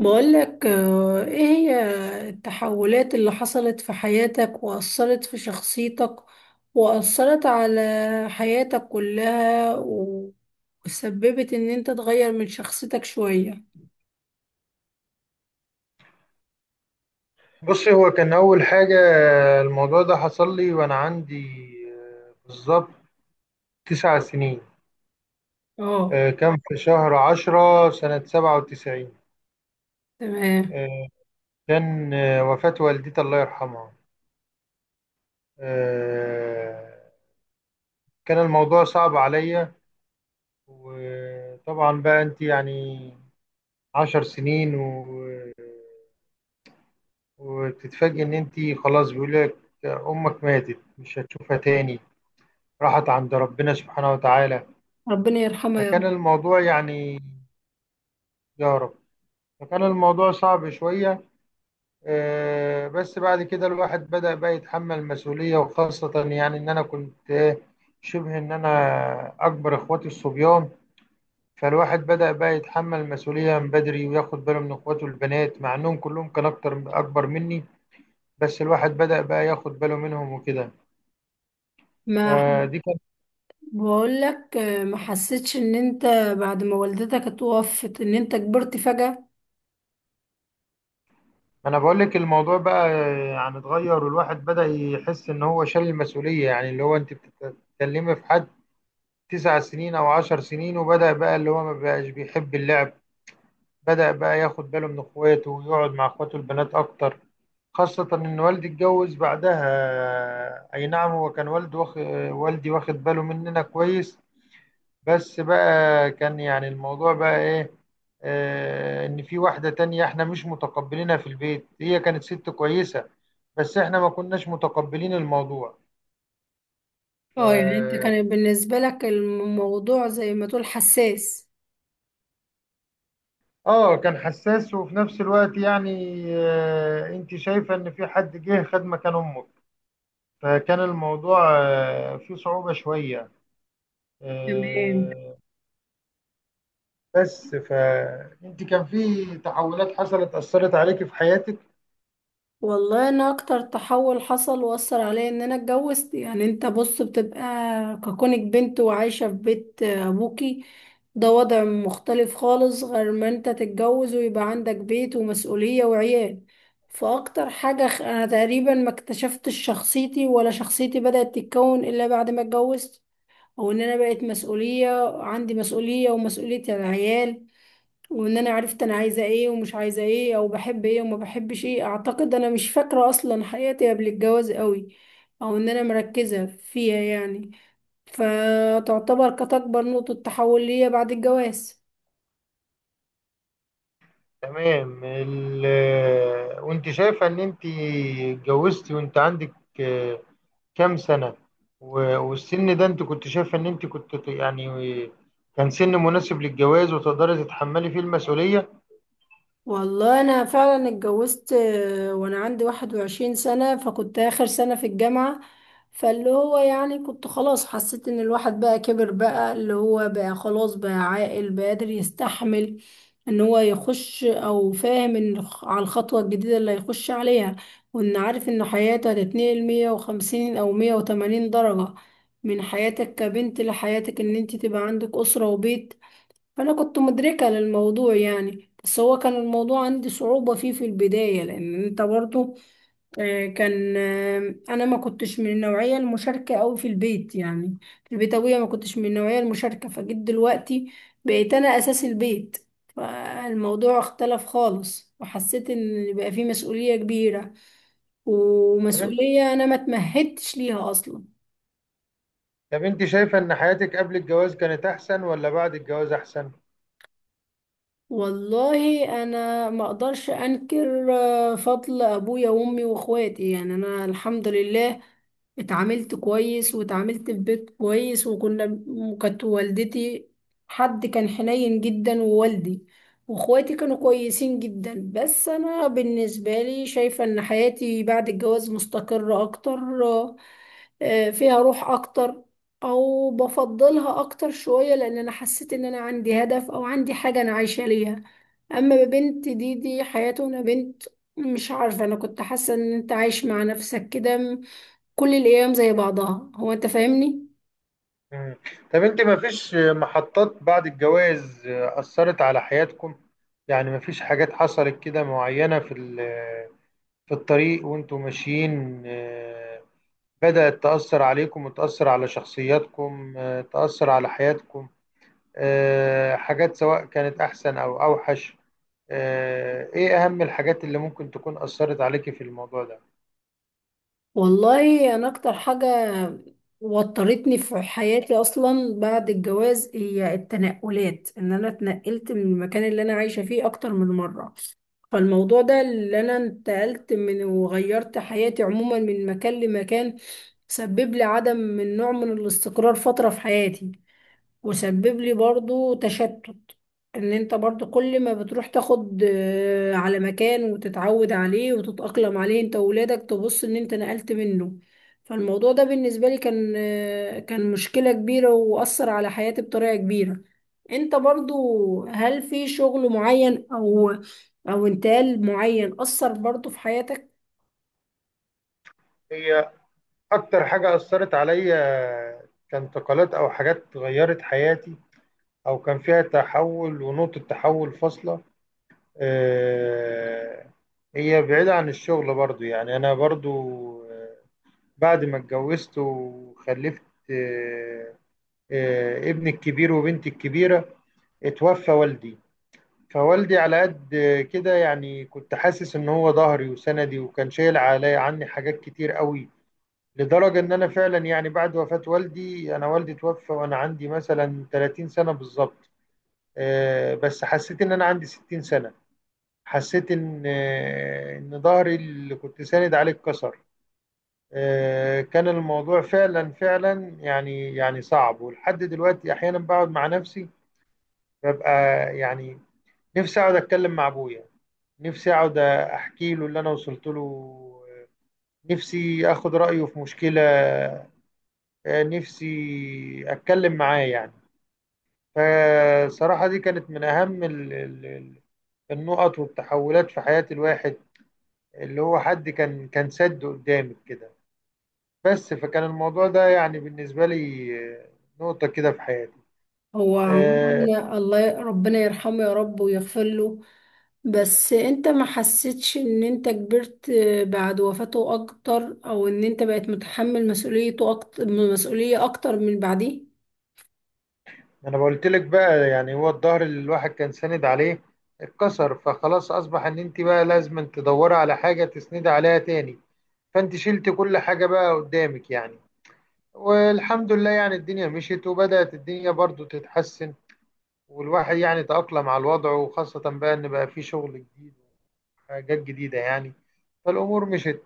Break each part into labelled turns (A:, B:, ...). A: بقولك ايه هي التحولات اللي حصلت في حياتك وأثرت في شخصيتك وأثرت على حياتك كلها وسببت ان انت تغير من شخصيتك شوية.
B: بصي هو كان أول حاجة. الموضوع ده حصل لي وأنا عندي بالظبط 9 سنين.
A: اه،
B: كان في شهر 10 سنة 97.
A: تمام.
B: آه، كان وفاة والدتي الله يرحمها. آه، كان الموضوع صعب عليا. وطبعا بقى أنت يعني 10 سنين وتتفاجئي إن أنت خلاص بيقول لك أمك ماتت، مش هتشوفها تاني، راحت عند ربنا سبحانه وتعالى.
A: ربنا يرحمها يا
B: فكان
A: رب.
B: الموضوع يعني، يا رب، فكان الموضوع صعب شوية. بس بعد كده الواحد بدأ بقى يتحمل المسؤولية، وخاصة يعني إن أنا كنت شبه إن أنا أكبر إخواتي الصبيان. فالواحد بدأ بقى يتحمل المسؤولية من بدري وياخد باله من إخواته البنات، مع إنهم كلهم كان أكبر مني. بس الواحد بدأ بقى ياخد باله منهم وكده.
A: ما
B: فدي كان
A: بقولك ما حسيتش ان انت بعد ما والدتك اتوفت ان انت كبرت فجأة؟
B: أنا بقول لك الموضوع بقى يعني اتغير، والواحد بدأ يحس إن هو شال المسؤولية، يعني اللي هو أنت بتتكلمي في حد 9 سنين او 10 سنين. وبدأ بقى اللي هو ما بقاش بيحب اللعب، بدأ بقى ياخد باله من اخواته ويقعد مع اخواته البنات اكتر. خاصة ان والدي اتجوز بعدها، اي نعم هو كان والد والدي واخد باله مننا كويس. بس بقى كان يعني الموضوع بقى ايه، آه ان في واحدة تانية احنا مش متقبلينها في البيت. هي كانت ست كويسة، بس احنا ما كناش متقبلين الموضوع.
A: اه يعني انت كان
B: ف-
A: بالنسبة لك الموضوع زي ما تقول حساس.
B: اه كان حساس، وفي نفس الوقت يعني انت شايفة ان في حد جه خد مكان امك. فكان الموضوع فيه صعوبة شوية.
A: تمام.
B: آه، بس فانت كان في تحولات حصلت اثرت عليك في حياتك.
A: والله انا اكتر تحول حصل واثر عليا ان انا اتجوزت، يعني انت بص بتبقى ككونك بنت وعايشة في بيت ابوكي، ده وضع مختلف خالص غير ما انت تتجوز ويبقى عندك بيت ومسؤولية وعيال. فاكتر حاجة انا تقريبا ما اكتشفتش شخصيتي، ولا شخصيتي بدأت تتكون الا بعد ما اتجوزت، او ان انا بقيت مسؤولية، عندي مسؤولية ومسؤولية العيال، وان انا عرفت انا عايزه ايه ومش عايزه ايه او بحب ايه وما بحبش ايه. اعتقد انا مش فاكره اصلا حياتي قبل الجواز قوي، او ان انا مركزه فيها يعني. فتعتبر كانت اكبر نقطه تحول ليا بعد الجواز.
B: تمام ال... آه، وانت شايفة ان انت اتجوزتي وانت عندك آه، كام سنة؟ والسن ده انت كنت شايفة ان انت كنت يعني كان سن مناسب للجواز وتقدري تتحملي فيه المسؤولية؟
A: والله انا فعلا اتجوزت وانا عندي 21 سنة، فكنت اخر سنة في الجامعة. فاللي هو يعني كنت خلاص حسيت ان الواحد بقى كبر، بقى اللي هو بقى خلاص، بقى عاقل، بقى قادر يستحمل ان هو يخش، او فاهم ان على الخطوة الجديدة اللي هيخش عليها، وان عارف ان حياته هتتنقل 150 او 180 درجة من حياتك كبنت لحياتك ان انت تبقى عندك اسرة وبيت. فأنا كنت مدركة للموضوع يعني، بس هو كان الموضوع عندي صعوبة فيه في البداية، لأن أنت برضو آه، كان آه، أنا ما كنتش من النوعية المشاركة أوي في البيت يعني، في البيتوية ما كنتش من النوعية المشاركة. فجيت دلوقتي بقيت أنا أساس البيت، فالموضوع اختلف خالص وحسيت إن بقى فيه مسؤولية كبيرة،
B: طب انت
A: ومسؤولية أنا ما اتمهدتش ليها أصلا.
B: طب انت شايفه ان حياتك قبل الجواز كانت احسن ولا بعد الجواز احسن؟
A: والله انا ما اقدرش انكر فضل ابويا وامي واخواتي، يعني انا الحمد لله اتعاملت كويس واتعاملت في بيت كويس، وكانت والدتي حد كان حنين جدا، ووالدي واخواتي كانوا كويسين جدا. بس انا بالنسبة لي شايفة ان حياتي بعد الجواز مستقرة اكتر، فيها روح اكتر، او بفضلها اكتر شوية، لان انا حسيت ان انا عندي هدف، او عندي حاجة انا عايشة ليها. اما بنت دي حياته انا بنت، مش عارفة، انا كنت حاسة ان انت عايش مع نفسك كده كل الايام زي بعضها، هو انت فاهمني.
B: مم. طب انت ما فيش محطات بعد الجواز اثرت على حياتكم؟ يعني ما فيش حاجات حصلت كده معينه في الطريق وانتوا ماشيين، بدأت تأثر عليكم وتأثر على شخصياتكم، تأثر على حياتكم، حاجات سواء كانت احسن او اوحش؟ ايه اهم الحاجات اللي ممكن تكون اثرت عليكي في الموضوع
A: والله انا اكتر حاجة وترتني في حياتي اصلا بعد الجواز هي التنقلات، ان انا اتنقلت من المكان اللي انا عايشة فيه اكتر من مرة. فالموضوع ده اللي انا انتقلت من وغيرت حياتي عموما من مكان لمكان، سبب لي عدم، من نوع من الاستقرار فترة في حياتي، وسبب لي برضو تشتت. ان انت برضو كل ما بتروح تاخد على مكان وتتعود عليه وتتأقلم عليه انت وولادك، تبص ان انت نقلت منه. فالموضوع ده بالنسبة لي كان كان مشكلة كبيرة وأثر على حياتي بطريقة كبيرة. انت برضو هل في شغل معين او انتقال معين أثر برضو في حياتك؟
B: ده؟ اكتر حاجة اثرت عليا كانتقالات، او حاجات غيرت حياتي او كان فيها تحول ونقطة تحول فاصلة آه، هي بعيدة عن الشغل برضو. يعني انا برضو آه، بعد ما اتجوزت وخلفت آه، ابني الكبير وبنتي الكبيرة اتوفى والدي. فوالدي على قد كده يعني كنت حاسس ان هو ظهري وسندي، وكان شايل عليا عني حاجات كتير قوي. لدرجة إن أنا فعلا يعني بعد وفاة والدي، أنا والدي توفى وأنا عندي مثلا 30 سنة بالظبط، بس حسيت إن أنا عندي 60 سنة. حسيت إن إن ظهري اللي كنت ساند عليه اتكسر. كان الموضوع فعلا يعني صعب. ولحد دلوقتي أحيانا بقعد مع نفسي، ببقى يعني نفسي أقعد أتكلم مع أبويا، نفسي أقعد أحكي له اللي أنا وصلت له، آه، نفسي أخد رأيه في مشكلة، نفسي اتكلم معاه يعني. فصراحة دي كانت من اهم النقط والتحولات في حياة الواحد، اللي هو حد كان سد قدامك كده. بس فكان الموضوع ده يعني بالنسبة لي نقطة كده في حياتي.
A: هو
B: آه،
A: عموماً الله ربنا يرحمه يا رب ويغفر له. بس انت ما حسيتش ان انت كبرت بعد وفاته اكتر، او ان انت بقيت متحمل مسؤوليته اكتر، مسؤولية اكتر من بعديه؟
B: انا قلت لك بقى، يعني هو الظهر اللي الواحد كان ساند عليه اتكسر، فخلاص اصبح ان انت بقى لازم تدوري على حاجة تسندي عليها تاني، فانت شلت كل حاجة بقى قدامك يعني. والحمد لله يعني الدنيا مشيت، وبدأت الدنيا برضو تتحسن، والواحد يعني تأقلم على الوضع، وخاصة بقى إن بقى في شغل جديد وحاجات جديدة يعني. فالأمور مشيت.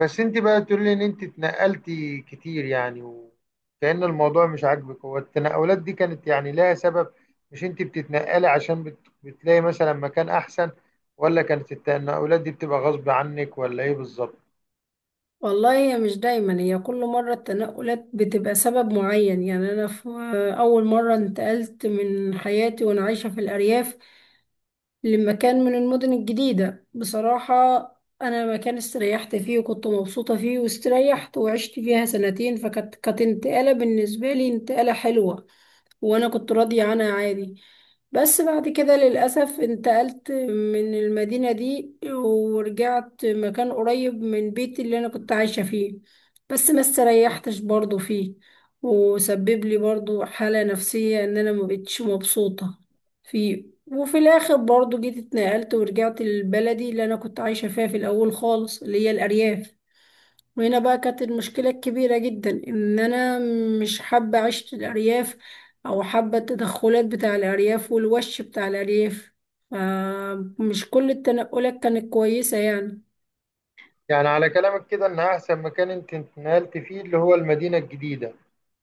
B: بس أنت بقى تقول لي إن أنت اتنقلتي كتير، يعني وكأن الموضوع مش عاجبك. هو التنقلات دي كانت يعني لها سبب، مش أنت بتتنقلي عشان بتلاقي مثلا مكان أحسن؟ ولا كانت التنقلات دي بتبقى غصب عنك ولا إيه بالظبط؟
A: والله هي مش دايما، هي كل مرة التنقلات بتبقى سبب معين يعني. انا في اول مرة انتقلت من حياتي وانا عايشة في الارياف لمكان من المدن الجديدة، بصراحة انا مكان استريحت فيه وكنت مبسوطة فيه، واستريحت وعشت فيها سنتين، فكانت انتقالة بالنسبة لي انتقالة حلوة وانا كنت راضية عنها عادي. بس بعد كده للأسف انتقلت من المدينة دي ورجعت مكان قريب من بيتي اللي انا كنت عايشة فيه، بس ما استريحتش برضو فيه، وسبب لي برضو حالة نفسية ان انا ما بقتش مبسوطة فيه. وفي الاخر برضو جيت اتنقلت ورجعت لبلدي اللي انا كنت عايشة فيها في الاول خالص، اللي هي الارياف. وهنا بقى كانت المشكلة الكبيرة جدا، إن أنا مش حابة عيشة الأرياف، أو حابة التدخلات بتاع الأرياف والوش بتاع الأرياف. فمش كل التنقلات كانت كويسة يعني.
B: يعني على كلامك كده إن أحسن مكان أنت اتنقلت فيه اللي هو المدينة الجديدة،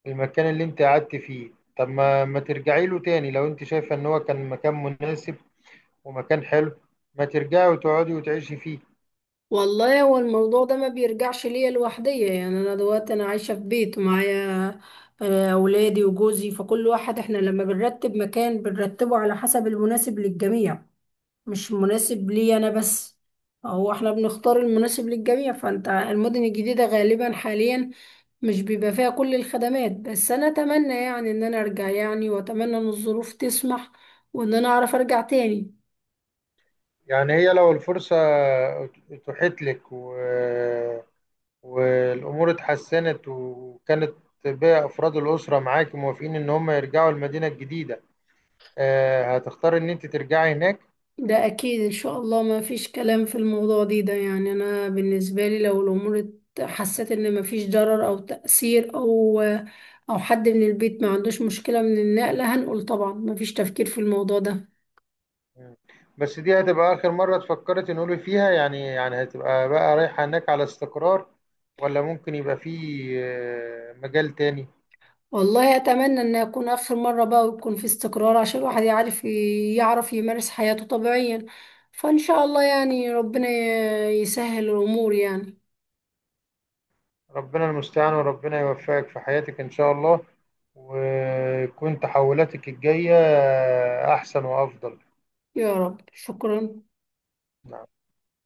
B: المكان اللي انت قعدت فيه، طب ما ترجعي له تاني؟ لو انت شايفة ان هو كان مكان مناسب ومكان حلو، ما ترجعي وتقعدي وتعيشي فيه؟
A: والله هو الموضوع ده ما بيرجعش ليا لوحدية، يعني أنا دلوقتي أنا عايشة في بيت ومعايا أولادي وجوزي، فكل واحد، إحنا لما بنرتب مكان بنرتبه على حسب المناسب للجميع، مش مناسب لي انا بس. هو احنا بنختار المناسب للجميع، فانت المدن الجديدة غالبا حاليا مش بيبقى فيها كل الخدمات، بس انا اتمنى يعني ان انا ارجع، يعني واتمنى ان الظروف تسمح وان انا اعرف ارجع تاني.
B: يعني هي لو الفرصة اتوحت لك والامور اتحسنت، وكانت باقي افراد الاسرة معاك موافقين ان هم يرجعوا المدينة الجديدة، هتختاري ان انت ترجعي هناك؟
A: ده اكيد ان شاء الله، ما فيش كلام في الموضوع دي ده، يعني انا بالنسبة لي لو الامور حسيت ان ما فيش ضرر او تأثير، او حد من البيت ما عندوش مشكلة من النقلة، هنقول طبعا ما فيش تفكير في الموضوع ده.
B: مم. بس دي هتبقى آخر مرة اتفكرت نقول فيها يعني، يعني هتبقى بقى رايحة هناك على استقرار، ولا ممكن يبقى في مجال تاني؟
A: والله اتمنى ان يكون اخر مره بقى ويكون في استقرار، عشان الواحد يعرف، يعرف يمارس حياته طبيعيا. فان شاء الله يعني ربنا يسهل الامور يعني.
B: ربنا المستعان، وربنا يوفقك في حياتك إن شاء الله، ويكون تحولاتك الجاية أحسن وأفضل.
A: يا رب، شكرا.
B: نعم.